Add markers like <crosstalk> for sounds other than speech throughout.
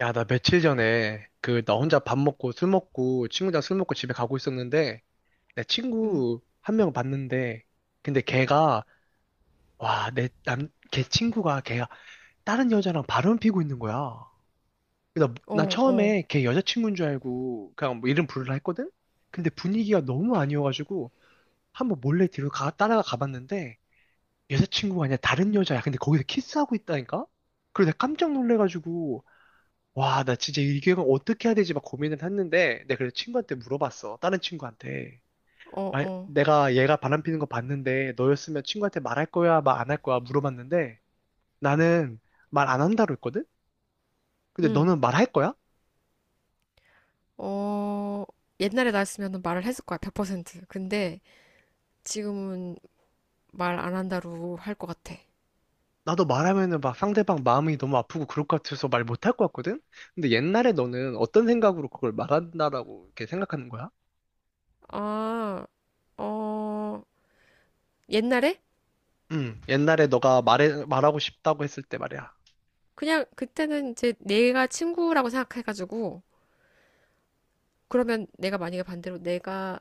야, 나 며칠 전에 그 나 혼자 밥 먹고 술 먹고 친구랑 술 먹고 집에 가고 있었는데 내 음. 친구 한 명 봤는데 근데 걔가 와, 걔 친구가 걔가 다른 여자랑 바람 피고 있는 거야. 나 어, 어, 처음에 걔 여자친구인 줄 알고 그냥 뭐 이름 부르라 했거든? 근데 분위기가 너무 아니어가지고 한번 몰래 뒤로 따라가 가봤는데 여자친구가 아니라 다른 여자야. 근데 거기서 키스하고 있다니까? 그래서 내가 깜짝 놀래가지고 와, 나 진짜 이 기획은 어떻게 해야 되지 막 고민을 했는데, 내가 그래서 친구한테 물어봤어. 다른 친구한테. 어, 어. 내가 얘가 바람 피는 거 봤는데, 너였으면 친구한테 말할 거야, 말 안 할 거야 물어봤는데, 나는 말 안 한다고 했거든? 근데 음. 너는 말할 거야? 어, 옛날에 나였으면 말을 했을 거야, 100%. 근데 지금은 말 안 한다로 할 것 같아. 나도 말하면은 막 상대방 마음이 너무 아프고 그럴 것 같아서 말 못 할 것 같거든? 근데 옛날에 너는 어떤 생각으로 그걸 말한다라고 이렇게 생각하는 거야? 아, 어, 옛날에? 응, 옛날에 너가 말하고 싶다고 했을 때 말이야. 그냥 그때는 이제 내가 친구라고 생각해가지고, 그러면 내가 만약에 반대로 내가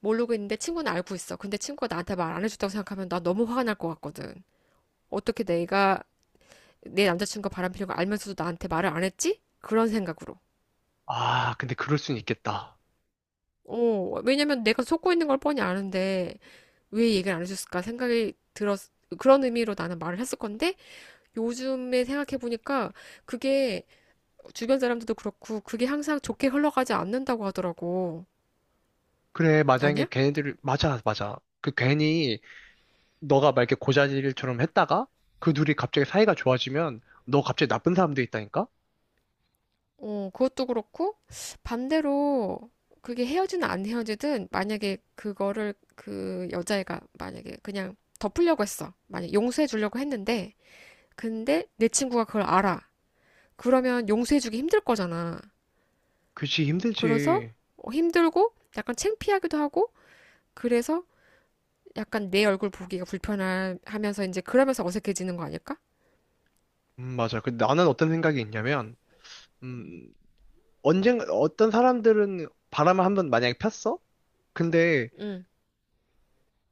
모르고 있는데 친구는 알고 있어. 근데 친구가 나한테 말 안 해줬다고 생각하면 나 너무 화가 날 것 같거든. 어떻게 내가 내 남자친구가 바람피는 거 알면서도 나한테 말을 안 했지? 그런 생각으로. 아, 근데 그럴 순 있겠다. 어, 왜냐면 내가 속고 있는 걸 뻔히 아는데 왜 얘기를 안 해줬을까 생각이 들었, 그런 의미로 나는 말을 했을 건데 요즘에 생각해보니까 그게 주변 사람들도 그렇고 그게 항상 좋게 흘러가지 않는다고 하더라고. 그래, 맞아. 이게 아니야? 걔네들, 맞아, 맞아. 그 괜히 너가 막 이렇게 고자질처럼 했다가 그 둘이 갑자기 사이가 좋아지면 너 갑자기 나쁜 사람도 있다니까? 어, 그것도 그렇고 반대로, 그게 헤어지든 안 헤어지든, 만약에 그거를 그 여자애가 만약에 그냥 덮으려고 했어. 만약 용서해 주려고 했는데 근데 내 친구가 그걸 알아. 그러면 용서해주기 힘들 거잖아. 그치, 그래서 힘들지. 어, 힘들고 약간 창피하기도 하고, 그래서 약간 내 얼굴 보기가 불편하면서 이제 그러면서 어색해지는 거 아닐까? 맞아. 근데 나는 어떤 생각이 있냐면, 음, 언젠가, 어떤 사람들은 바람을 한번 만약에 폈어? 근데 응.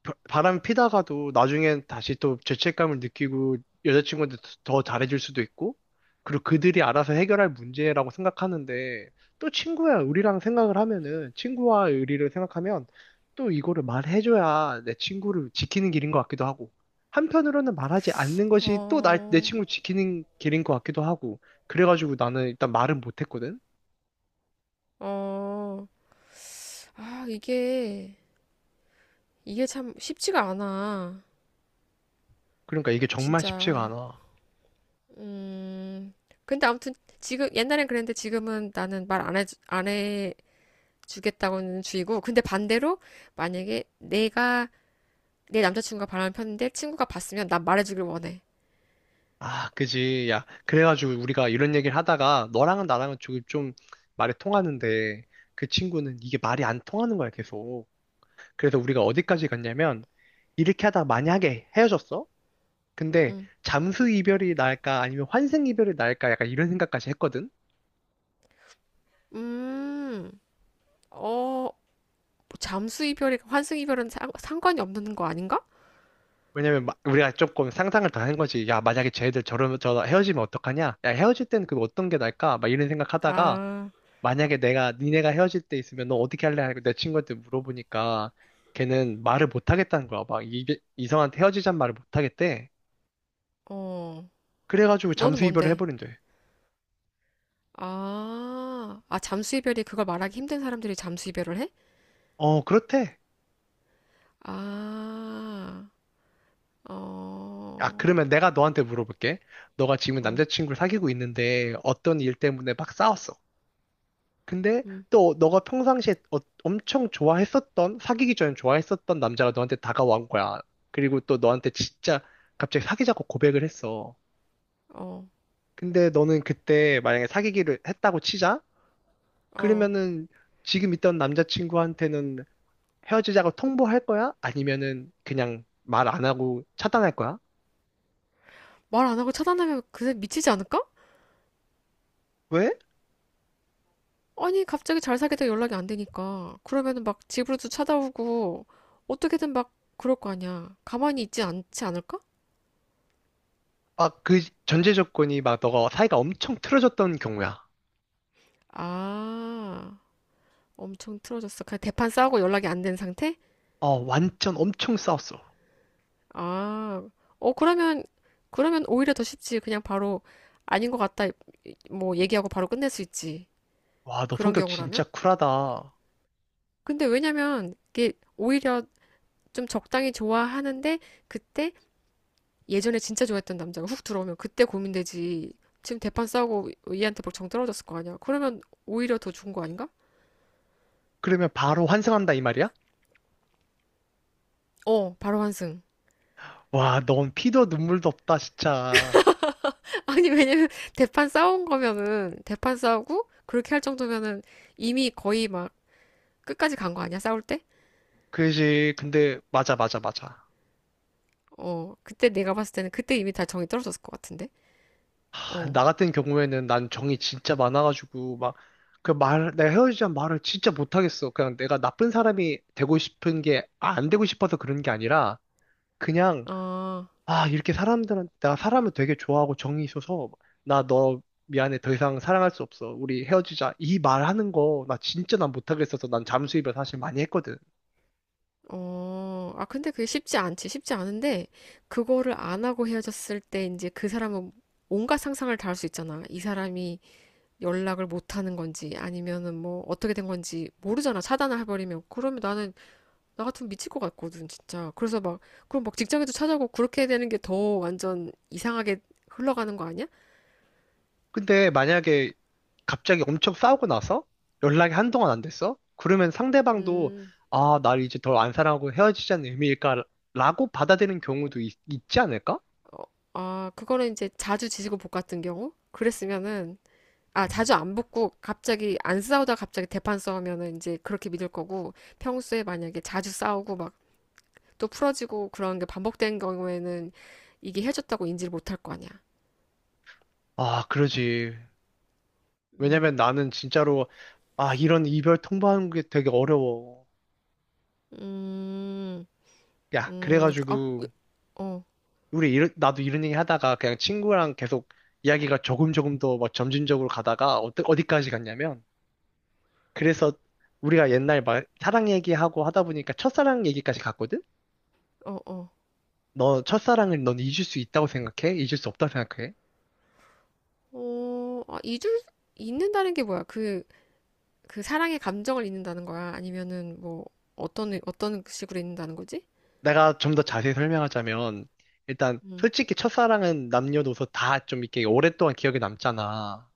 바람 피다가도 나중엔 다시 또 죄책감을 느끼고 여자친구한테 더 잘해줄 수도 있고, 그리고 그들이 알아서 해결할 문제라고 생각하는데, 또 친구야, 우리랑 생각을 하면은, 친구와 의리를 생각하면, 또 이거를 말해줘야 내 친구를 지키는 길인 것 같기도 하고, 한편으로는 말하지 않는 것이 또 내 어, 친구 지키는 길인 것 같기도 하고, 그래가지고 나는 일단 말은 못했거든? 어, 아, 이게 참 쉽지가 않아. 그러니까 이게 정말 쉽지가 진짜. 않아. 음, 근데 아무튼 지금, 옛날엔 그랬는데 지금은 나는 말 안 해, 안 해주겠다고는 주의고. 근데 반대로 만약에 내가 내 남자친구가 바람을 폈는데 친구가 봤으면 난 말해주길 원해. 아, 그지. 야, 그래가지고 우리가 이런 얘기를 하다가 너랑은 나랑은 조금 좀 말이 통하는데 그 친구는 이게 말이 안 통하는 거야, 계속. 그래서 우리가 어디까지 갔냐면 이렇게 하다 만약에 헤어졌어? 근데 응. 잠수 이별이 나을까 아니면 환생 이별이 나을까 약간 이런 생각까지 했거든? 음, 어, 뭐 잠수 이별이 환승 이별은 상관이 없는 거 아닌가? 왜냐면 우리가 조금 상상을 다 한 거지. 야, 만약에 쟤들 저러면 저 헤어지면 어떡하냐? 야, 헤어질 때는 그 어떤 게 나을까? 막 이런 생각하다가 아, 만약에 내가 니네가 헤어질 때 있으면 너 어떻게 할래? 하고 내 친구한테 물어보니까 걔는 말을 못 하겠다는 거야. 이성한테 헤어지자는 말을 못 하겠대. 어, 그래가지고 너는 잠수 이별을 뭔데? 해버린대. 아, 아, 잠수 이별이 그걸 말하기 힘든 사람들이 잠수 이별을 해? 어, 그렇대. 아, 아, 어, 그러면 내가 너한테 물어볼게. 너가 지금 어, 남자친구를 사귀고 있는데 어떤 일 때문에 막 싸웠어. 근데 음, 또 너가 평상시에 엄청 좋아했었던, 사귀기 전에 좋아했었던 남자가 너한테 다가온 거야. 그리고 또 너한테 진짜 갑자기 사귀자고 고백을 했어. 어, 근데 너는 그때 만약에 사귀기를 했다고 치자? 어. 그러면은 지금 있던 남자친구한테는 헤어지자고 통보할 거야? 아니면은 그냥 말 안 하고 차단할 거야? 말 안 하고 차단하면 그새 미치지 않을까? 왜? 아니, 갑자기 잘 사귀다 연락이 안 되니까. 그러면은 막 집으로도 찾아오고, 어떻게든 막 그럴 거 아니야. 가만히 있지 않지 않을까? 막 그 전제 조건이 막 너가 사이가 엄청 틀어졌던 경우야. 아. 엄청 틀어졌어. 그냥 대판 싸우고 연락이 안 된 상태? 어, 완전 엄청 싸웠어. 아, 어, 그러면, 그러면 오히려 더 쉽지. 그냥 바로, 아닌 것 같다. 뭐 얘기하고 바로 끝낼 수 있지. 와, 너 그런 성격 진짜 경우라면. 쿨하다. 근데 왜냐면 이게 오히려 좀 적당히 좋아하는데 그때 예전에 진짜 좋아했던 남자가 훅 들어오면 그때 고민되지. 지금 대판 싸우고 얘한테 벌정 떨어졌을 거 아니야. 그러면 오히려 더 좋은 거 아닌가? 그러면 바로 환승한다 이 말이야? 어, 바로 환승. 와, 넌 피도 눈물도 없다, 진짜. 아니, 왜냐면 대판 싸운 거면은, 대판 싸우고, 그렇게 할 정도면은, 이미 거의 막, 끝까지 간 거 아니야? 싸울 때? 그지. 근데 맞아, 맞아, 맞아. 어, 그때 내가 봤을 때는, 그때 이미 다 정이 떨어졌을 것 같은데? 어, 나 같은 경우에는 난 정이 진짜 많아가지고 막 그 말, 내가 헤어지자는 말을 진짜 못하겠어. 그냥 내가 나쁜 사람이 되고 싶은 게, 아, 안 되고 싶어서 그런 게 아니라 그냥 아, 아, 이렇게 사람들한테 나 사람을 되게 좋아하고 정이 있어서 나 너 미안해 더 이상 사랑할 수 없어. 우리 헤어지자. 이 말하는 거 나 진짜 난 못하겠어서 난 잠수입을 사실 많이 했거든. 어, 아, 근데 그게 쉽지 않지. 쉽지 않은데, 그거를 안 하고 헤어졌을 때, 이제 그 사람은 온갖 상상을 다 할 수 있잖아. 이 사람이 연락을 못 하는 건지, 아니면은 뭐, 어떻게 된 건지 모르잖아. 차단을 해버리면. 그러면 나는, 나 같으면 미칠 것 같거든, 진짜. 그래서 막, 그럼 막 직장에도 찾아고, 그렇게 되는 게 더 완전 이상하게 흘러가는 거 아니야? 근데 만약에 갑자기 엄청 싸우고 나서 연락이 한동안 안 됐어? 그러면 상대방도 음, 아, 날 이제 덜 안 사랑하고 헤어지자는 의미일까? 라고 받아들이는 경우도 지 않을까? 어, 아, 그거는 이제 자주 지지고 볶 같은 경우? 그랬으면은, 아, 자주 안 붙고 갑자기 안 싸우다 갑자기 대판 싸우면은 이제 그렇게 믿을 거고, 평소에 만약에 자주 싸우고 막 또 풀어지고 그런 게 반복된 경우에는 이게 헤어졌다고 인지를 못할 거 아니야. 아, 그러지. 음. 왜냐면 나는 진짜로 아, 이런 이별 통보하는 게 되게 어려워. 음, 야, 어, 그래가지고 어, 우리 나도 이런 얘기 하다가 그냥 친구랑 계속 이야기가 조금 더 막 점진적으로 가다가 어디까지 갔냐면 그래서 우리가 옛날 막 사랑 얘기하고 하다 보니까 첫사랑 얘기까지 갔거든? 어, 어. 너 첫사랑을 넌 잊을 수 있다고 생각해? 잊을 수 없다고 생각해? 어, 아, 잊을, 잊는다는 게 뭐야? 그, 그 사랑의 감정을 잊는다는 거야? 아니면은 뭐, 어떤, 어떤 식으로 잊는다는 거지? 내가 좀 더 자세히 설명하자면 일단 응. 솔직히 첫사랑은 남녀노소 다 좀 이렇게 오랫동안 기억에 남잖아.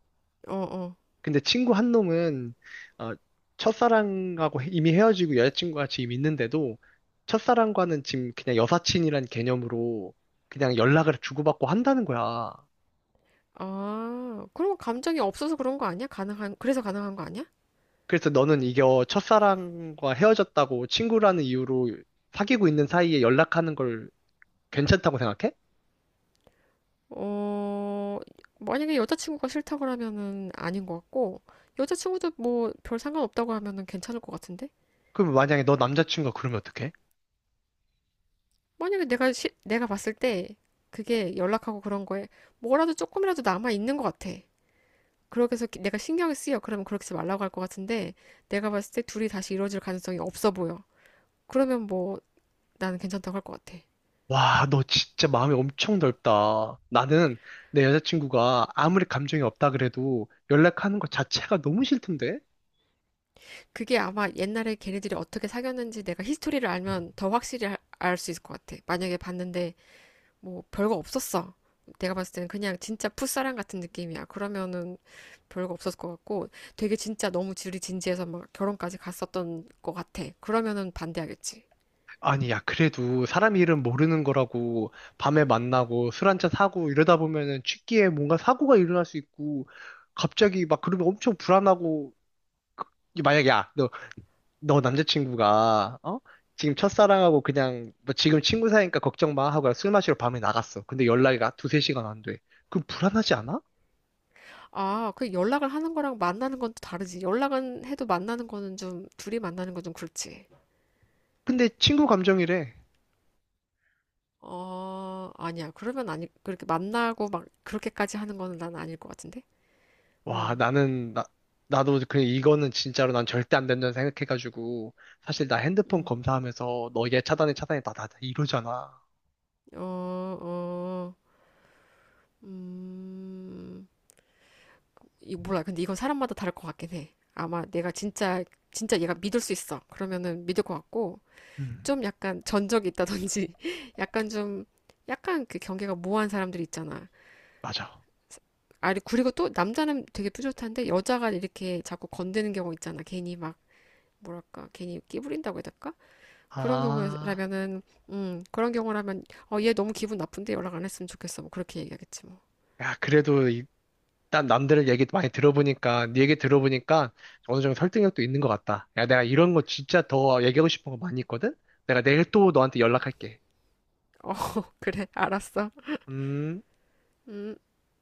어, 어. 근데 친구 한 놈은 어, 첫사랑하고 이미 헤어지고 여자친구가 지금 있는데도 첫사랑과는 지금 그냥 여사친이란 개념으로 그냥 연락을 주고받고 한다는 거야. 아, 그럼 감정이 없어서 그런 거 아니야? 가능한, 그래서 가능한 거 아니야? 그래서 너는 이겨 첫사랑과 헤어졌다고 친구라는 이유로 사귀고 있는 사이에 연락하는 걸 괜찮다고 생각해? 어, 만약에 여자친구가 싫다 그러면은 아닌 것 같고, 여자친구도 뭐 별 상관없다고 하면은 괜찮을 것 같은데? 그럼 만약에 너 남자친구가 그러면 어떡해? 만약에 내가 봤을 때, 그게 연락하고 그런 거에 뭐라도 조금이라도 남아 있는 것 같아. 그렇게 해서 내가 신경을 쓰여. 그러면 그렇게 하지 말라고 할 것 같은데, 내가 봤을 때 둘이 다시 이루어질 가능성이 없어 보여. 그러면 뭐 나는 괜찮다고 할 것 같아. 와, 너 진짜 마음이 엄청 넓다. 나는 내 여자친구가 아무리 감정이 없다 그래도 연락하는 것 자체가 너무 싫던데? 그게 아마 옛날에 걔네들이 어떻게 사귀었는지 내가 히스토리를 알면 더 확실히 알 수 있을 것 같아. 만약에 봤는데 뭐 별거 없었어. 내가 봤을 때는 그냥 진짜 풋사랑 같은 느낌이야. 그러면은 별거 없었을 것 같고, 되게 진짜 너무 둘이 진지해서 막 결혼까지 갔었던 것 같아. 그러면은 반대하겠지. 아니, 야, 그래도 사람 이름 모르는 거라고 밤에 만나고 술 한잔 사고 이러다 보면은 취기에 뭔가 사고가 일어날 수 있고 갑자기 막 그러면 엄청 불안하고 그- 만약에 야, 너 남자친구가 어? 지금 첫사랑하고 그냥 뭐 지금 친구 사이니까 걱정 마 하고 술 마시러 밤에 나갔어. 근데 연락이 가 두세 시간 안 돼. 그럼 불안하지 않아? 아, 그 연락을 하는 거랑 만나는 건 또 다르지. 연락은 해도 만나는 거는 좀, 둘이 만나는 건 좀 그렇지. 근데 친구 감정이래. 어, 아니야. 그러면 아니, 그렇게 만나고 막 그렇게까지 하는 거는 난 아닐 것 같은데? 어, 와 나는 나 나도 그냥 이거는 진짜로 난 절대 안 된다는 생각해가지고 사실 나 핸드폰 음, 검사하면서 너 얘 차단해 나나 이러잖아. 어, 어, 음, 이 몰라. 근데 이건 사람마다 다를 것 같긴 해. 아마 내가 진짜, 진짜 얘가 믿을 수 있어. 그러면은 믿을 것 같고, 음 좀 약간 전적이 있다든지, <laughs> 약간 좀, 약간 그 경계가 모호한 사람들 있잖아. 맞아. 아니, 그리고 또 남자는 되게 뿌듯한데 여자가 이렇게 자꾸 건드는 경우 있잖아. 괜히 막 뭐랄까, 괜히 끼부린다고 해야 될까? 그런 아 경우라면은, 그런 경우라면, 어, 얘 너무 기분 나쁜데 연락 안 했으면 좋겠어. 뭐 그렇게 얘기하겠지 뭐. 야 그래도 난 남들 얘기 많이 들어보니까, 네 얘기 들어보니까 어느 정도 설득력도 있는 것 같다. 야, 내가 이런 거 진짜 더 얘기하고 싶은 거 많이 있거든? 내가 내일 또 너한테 연락할게. 어, <laughs> 그래, 알았어. 음. 음.